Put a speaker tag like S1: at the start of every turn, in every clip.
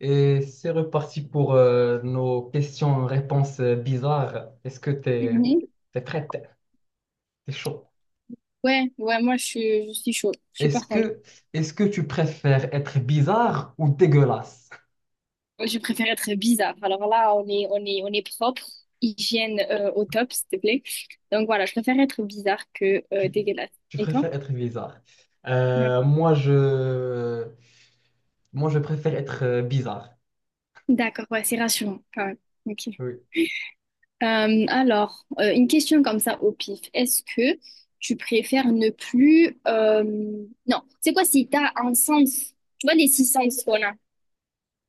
S1: Et c'est reparti pour nos questions-réponses bizarres. Est-ce que t'es
S2: Mhm.
S1: t'es prête? T'es chaud.
S2: Ouais, ouais, moi je suis chaud, je suis
S1: Est-ce
S2: partante.
S1: que est-ce que tu préfères être bizarre ou dégueulasse?
S2: Je préfère être bizarre. Alors là, on est propre, hygiène au top, s'il te plaît. Donc voilà, je préfère être bizarre que
S1: Tu,
S2: dégueulasse.
S1: tu
S2: Et toi?
S1: préfères être bizarre.
S2: Ouais.
S1: Euh, moi je moi je préfère être bizarre.
S2: D'accord, ouais, c'est rassurant quand même. Ok.
S1: Oui.
S2: Alors, une question comme ça au pif. Est-ce que tu préfères ne plus... non, c'est quoi si t'as un sens? Tu vois les six sens qu'on a?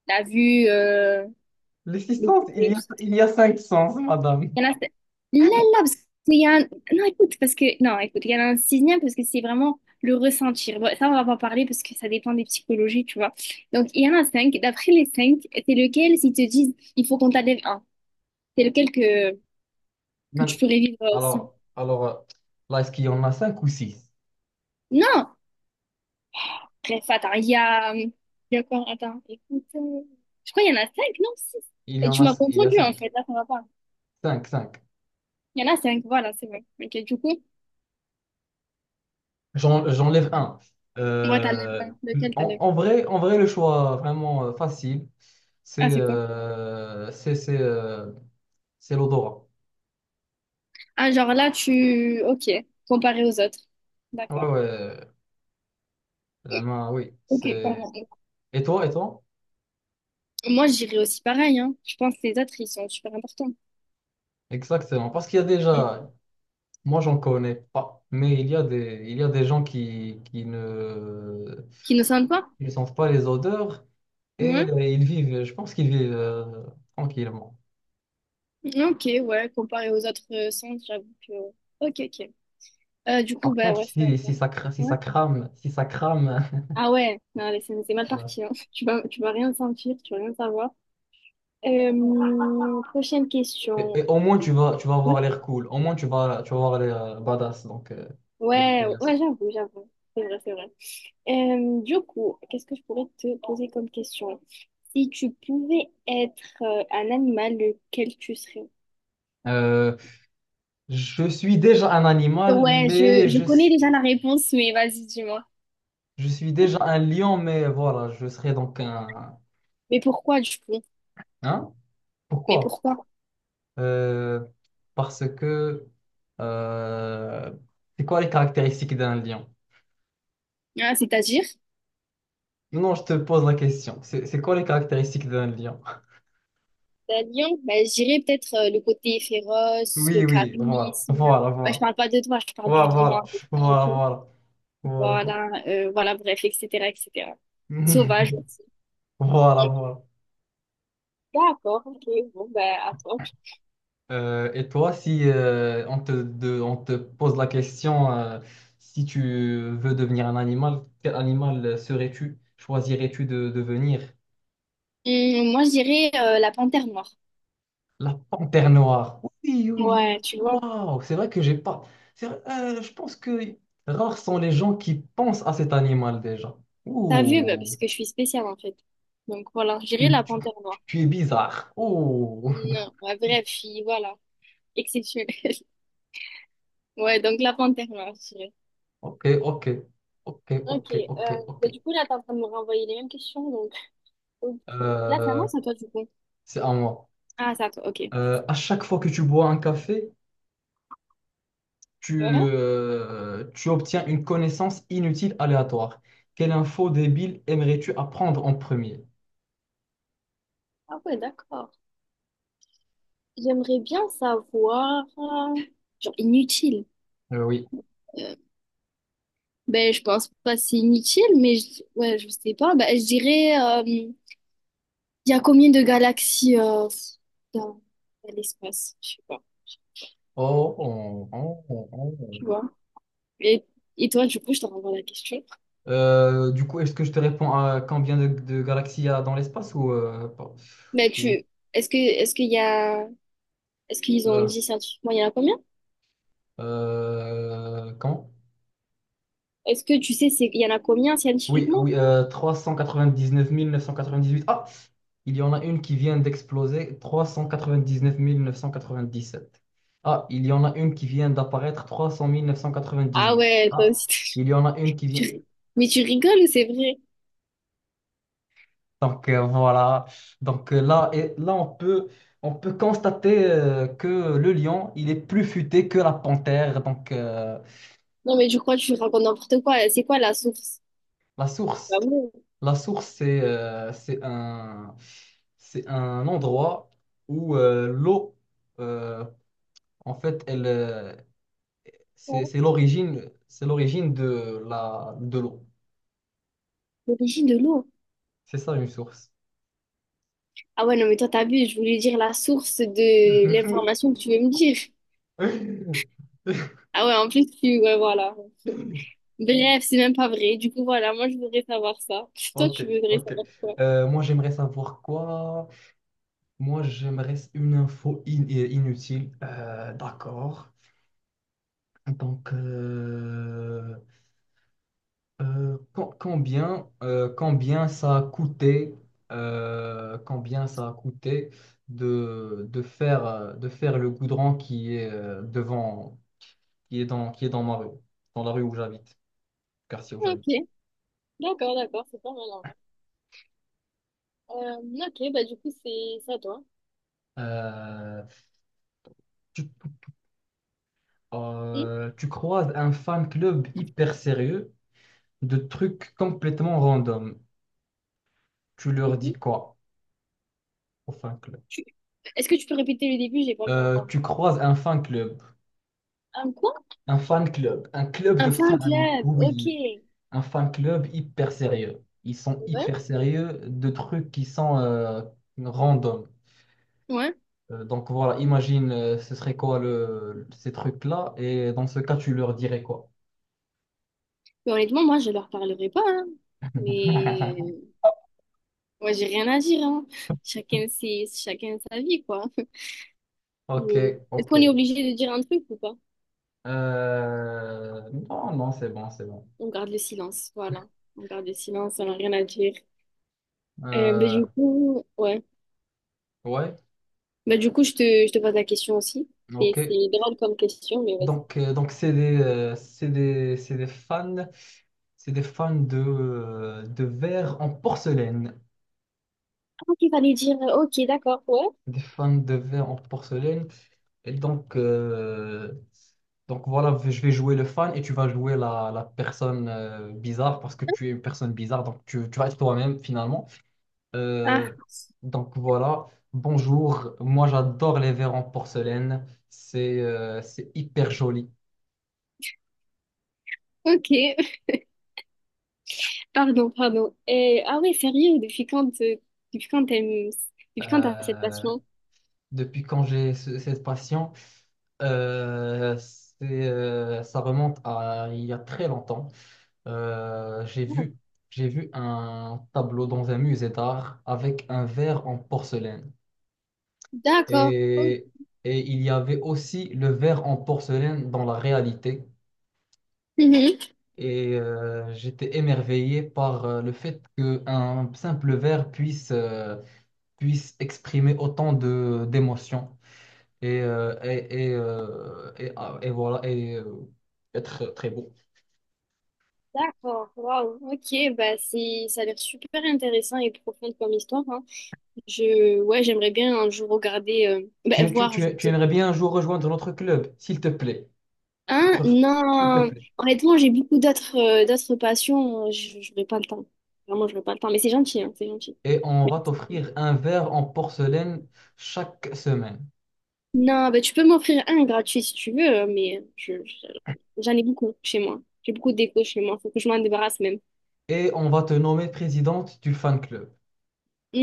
S2: La vue,
S1: Les six
S2: le
S1: sens, il
S2: goûter,
S1: y
S2: tout
S1: a
S2: ça.
S1: il y a cinq sens, madame.
S2: Il y en a... Là, là, parce qu'il y a un... Non, écoute, parce que... Non, écoute, il y en a un sixième parce que c'est vraiment le ressentir. Bon, ça, on va pas en parler parce que ça dépend des psychologies, tu vois. Donc, il y en a cinq. D'après les cinq, c'est lequel, s'ils te disent, il faut qu'on t'enlève un. C'est lequel que, que tu
S1: Man-
S2: pourrais vivre sans.
S1: alors, là est-ce qu'il y en a cinq ou six?
S2: Non! Bref, attends, il y a... il y a quoi? Attends, écoute... je crois qu'il y en a cinq, non? Six. Et tu m'as
S1: Il y a
S2: confondu, en
S1: cinq.
S2: fait. Là, ça va pas.
S1: Cinq, cinq.
S2: Il y en a cinq, voilà, c'est vrai. Ok, du coup,
S1: J'enlève un.
S2: on va t'enlever
S1: Euh,
S2: un. Lequel
S1: en,
S2: t'enlèves?
S1: en vrai, en vrai, le choix vraiment facile,
S2: Ah,
S1: c'est
S2: c'est quoi?
S1: euh, c'est c'est euh, c'est l'odorat.
S2: Ah, genre là, tu... Ok, comparé aux autres.
S1: Ouais,
S2: D'accord.
S1: ouais, la main, oui.
S2: Ok, pardon.
S1: Et toi?
S2: Moi, j'irais aussi pareil, hein. Je pense que les autres, ils sont super importants.
S1: Exactement. Parce qu'il y a
S2: Mm.
S1: déjà, moi, j'en connais pas, mais il y a des gens qui, qui ne,
S2: Qui ne sentent pas?
S1: qui ne sentent pas les odeurs et
S2: Ouais.
S1: je pense qu'ils vivent tranquillement.
S2: Ok, ouais, comparé aux autres sens, j'avoue que... Ok, ok. Du coup,
S1: Par
S2: bah
S1: contre,
S2: ouais, c'est un bon. Ouais.
S1: si ça crame.
S2: Ah ouais, non, allez, c'est mal parti, hein. Tu vas rien sentir, tu vas rien savoir. Prochaine
S1: Et,
S2: question.
S1: et au moins, tu vas
S2: Ouais,
S1: avoir l'air cool. Au moins, tu vas avoir l'air badass. Donc, il y a,
S2: ouais,
S1: il y a ça.
S2: ouais, j'avoue, j'avoue. C'est vrai, c'est vrai. Du coup, qu'est-ce que je pourrais te poser comme question? Si tu pouvais être un animal, lequel tu serais?
S1: Euh, je suis déjà un animal,
S2: Ouais,
S1: mais
S2: je connais déjà la réponse, mais vas-y, dis-moi.
S1: je suis déjà un lion, mais voilà, je serai donc un...
S2: Mais pourquoi du coup?
S1: Hein?
S2: Mais
S1: Pourquoi?
S2: pourquoi?
S1: Euh, Parce que euh, c'est quoi les caractéristiques d'un lion?
S2: Ah, c'est-à-dire?
S1: Non, je te pose la question. C'est quoi les caractéristiques d'un lion?
S2: La lion, ben, je dirais peut-être le côté féroce, le
S1: Oui, oui, voilà,
S2: charisme.
S1: voilà,
S2: Ouais, je
S1: voilà,
S2: parle pas de toi, je parle du
S1: voilà,
S2: lion, un peu ça,
S1: voilà,
S2: ok.
S1: voilà, voilà.
S2: Voilà, voilà, bref, etc., etc.
S1: Voilà.
S2: Sauvage aussi.
S1: Voilà,
S2: Ok,
S1: voilà.
S2: d'accord, ok, bon, ben, à toi.
S1: Et toi, si on te pose la question, si tu veux devenir un animal, quel animal serais-tu? Choisirais-tu de devenir?
S2: Moi, je dirais la panthère noire.
S1: La panthère noire. Oui, oui, oui.
S2: Ouais, tu vois.
S1: Waouh, c'est vrai que j'ai pas. C'est vrai, je pense que rares sont les gens qui pensent à cet animal déjà.
S2: T'as vu, bah, parce
S1: Ouh,
S2: que je suis spéciale en fait. Donc voilà, j'irai
S1: tu,
S2: la
S1: tu-
S2: panthère noire.
S1: tu es bizarre. Ouh.
S2: Non, ma vraie fille, voilà. Exceptionnelle. Ouais, donc la panthère noire, je dirais.
S1: Ok, ok, ok,
S2: Ok,
S1: ok, ok, ok.
S2: bah, du coup, là, t'es en train de me renvoyer les mêmes questions, donc, ok. Là, c'est à
S1: Euh,
S2: moi, c'est à toi, du coup.
S1: c'est à moi.
S2: Ah, c'est à toi, ok.
S1: À chaque fois que tu bois un café,
S2: Ouais.
S1: tu obtiens une connaissance inutile aléatoire. Quelle info débile aimerais-tu apprendre en premier?
S2: Ah ouais, d'accord. J'aimerais bien savoir... genre, inutile.
S1: Oui.
S2: Euh, ben, je pense pas c'est inutile, mais je... ouais, je sais pas. Ben, je dirais... il y a combien de galaxies dans dans l'espace? Je sais pas,
S1: Oh, oh, oh, oh, oh.
S2: tu vois. Et, et toi, du coup, je te renvoie la question.
S1: Du coup, est-ce que je te réponds à combien de galaxies il y a dans l'espace ou
S2: Mais
S1: ou
S2: tu, est-ce que, est-ce qu'il y a, est-ce qu'ils ont
S1: euh,
S2: dit scientifiquement, il y en a combien?
S1: comment?
S2: Est-ce que tu sais, c'est, il y en a combien
S1: Oui,
S2: scientifiquement?
S1: oui, 18. Ah, il y en a une qui vient d'exploser. Trois cent cent quatre-vingt-dix-neuf quatre-vingt-dix-sept. 9 000. Ah, il y en a une qui vient d'apparaître. Trois cent cent mille neuf cent
S2: Ah
S1: quatre-vingt-dix-huit.
S2: ouais, toi
S1: Ah,
S2: aussi,
S1: il y en a une qui
S2: tu
S1: vient.
S2: ri- mais tu rigoles ou c'est vrai?
S1: Donc, voilà. Donc, là on peut constater que le lion, il est plus futé que la panthère. Donc,
S2: Non, mais je crois que tu racontes n'importe quoi. C'est quoi la source?
S1: la
S2: Bah
S1: source.
S2: ouais,
S1: La source, c'est c'est un endroit où l'eau, euh, en fait, elle, c'est
S2: ouais.
S1: c'est l'origine, c'est l'origine de l'eau.
S2: L'origine de l'eau.
S1: C'est ça une source.
S2: Ah ouais, non, mais toi, t'as vu, je voulais dire la source de l'information que tu veux me dire. Ah ouais, en plus, tu, ouais, voilà. Bref, c'est même pas vrai. Du coup, voilà, moi, je voudrais savoir ça. Toi,
S1: Ok,
S2: tu voudrais
S1: ok.
S2: savoir quoi?
S1: Moi, j'aimerais savoir quoi? Moi, j'aimerais une info inutile. D'accord. Donc, combien ça a coûté, combien ça a coûté de faire le goudron qui est devant, qui est dans ma rue, dans la rue où j'habite, quartier où
S2: Ah,
S1: j'habite.
S2: ok, d'accord, d'accord, c'est pas mal en vrai. Ok, bah du coup, c'est ça, toi.
S1: Euh, tu,
S2: Hum,
S1: Tu croises un fan club hyper sérieux de trucs complètement random. Tu leur dis
S2: mhm.
S1: quoi au fan club?
S2: Tu- est-ce que tu peux répéter le début? J'ai pas bien entendu.
S1: Tu croises un fan club,
S2: Un quoi?
S1: un club
S2: Un
S1: de
S2: fan
S1: fans,
S2: club, ok.
S1: oui. Un fan club hyper
S2: Ouais.
S1: sérieux. Ils sont hyper sérieux de trucs qui sont random.
S2: Ouais.
S1: Donc voilà, imagine, ce serait quoi ces trucs-là, et dans ce cas, tu leur dirais quoi?
S2: Mais honnêtement, moi, je leur parlerai pas, hein. Mais moi, j'ai rien à dire, hein. Chacun ses... chacun sa vie, quoi. Mais
S1: Ok,
S2: est-ce
S1: ok.
S2: qu'on est obligé de dire un truc ou pas?
S1: Non, non, c'est bon, c'est bon.
S2: On garde le silence, voilà. On garde le silence, on n'a rien à dire. Bah,
S1: Euh,
S2: du coup, ouais.
S1: ouais,
S2: Bah, du coup, je te pose la question aussi. C'est
S1: ok.
S2: c'est drôle comme question, mais vas-y.
S1: Donc, c'est des fans de verre en porcelaine.
S2: Ah, ok, fallait dire, ok, d'accord, ouais.
S1: Des fans de verre en porcelaine. Et donc, voilà, je vais jouer le fan et tu vas jouer la personne bizarre parce que tu es une personne bizarre, donc tu vas être toi-même finalement.
S2: Ah,
S1: Euh, donc voilà, bonjour, moi j'adore les verres en porcelaine, c'est hyper joli.
S2: ok, pardon, pardon. Et, ah ouais, sérieux, depuis quand t'aimes, depuis quand t'as cette
S1: Euh,
S2: passion?
S1: Depuis quand j'ai cette passion, euh, c'est, ça remonte à il y a très longtemps. Euh, j'ai
S2: Ah,
S1: vu, j'ai vu un tableau dans un musée d'art avec un verre en porcelaine.
S2: d'accord, ok.
S1: Et, et il y avait aussi le verre en porcelaine dans la réalité.
S2: Mhm.
S1: Et j'étais émerveillé par le fait qu'un simple verre puisse exprimer autant d'émotions. Et voilà, être très beau.
S2: D'accord, waouh, ok, bah c'est, ça a l'air super intéressant et profond comme histoire, hein. Je, ouais, j'aimerais bien un jour regarder, bah,
S1: Tu, tu,
S2: voir, je
S1: tu,
S2: veux
S1: tu
S2: dire.
S1: aimerais bien un jour rejoindre notre club, s'il te plaît.
S2: Hein?
S1: Prof, S'il te
S2: Non.
S1: plaît.
S2: Honnêtement, j'ai beaucoup d'autres d'autres passions. Je n'aurai pas le temps. Vraiment, je n'aurai pas le temps. Mais c'est gentil, hein, c'est gentil.
S1: Et on va
S2: Merci.
S1: t'offrir un verre en porcelaine chaque semaine.
S2: Non, bah, tu peux m'offrir un gratuit si tu veux, mais j'en ai beaucoup chez moi. J'ai beaucoup de déco chez moi. Faut que je m'en débarrasse même.
S1: Et on va te nommer présidente du fan club.
S2: Hmm,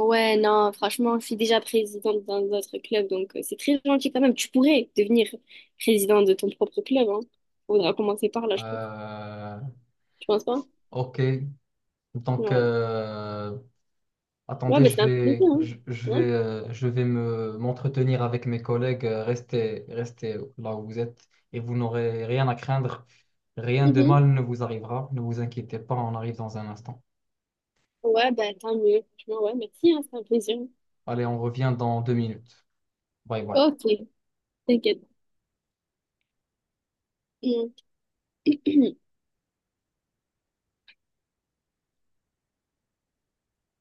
S2: ouais, non, franchement, je suis déjà présidente d'un autre club, donc c'est très gentil quand même. Tu pourrais devenir président de ton propre club, hein. Faudra commencer par là, je pense.
S1: Euh,
S2: Tu penses pas?
S1: ok. Donc,
S2: Ouais. Ouais,
S1: attendez,
S2: bah, c'est un plaisir, hein.
S1: je vais m'entretenir avec mes collègues. Restez là où vous êtes et vous n'aurez rien à craindre. Rien de
S2: Ouais.
S1: mal ne vous arrivera. Ne vous inquiétez pas, on arrive dans un instant.
S2: Ouais, bah tant mieux, tu vois, ouais, merci, hein, c'est un plaisir.
S1: Allez, on revient dans 2 minutes. Bye bye.
S2: Ok, t'inquiète. Mm.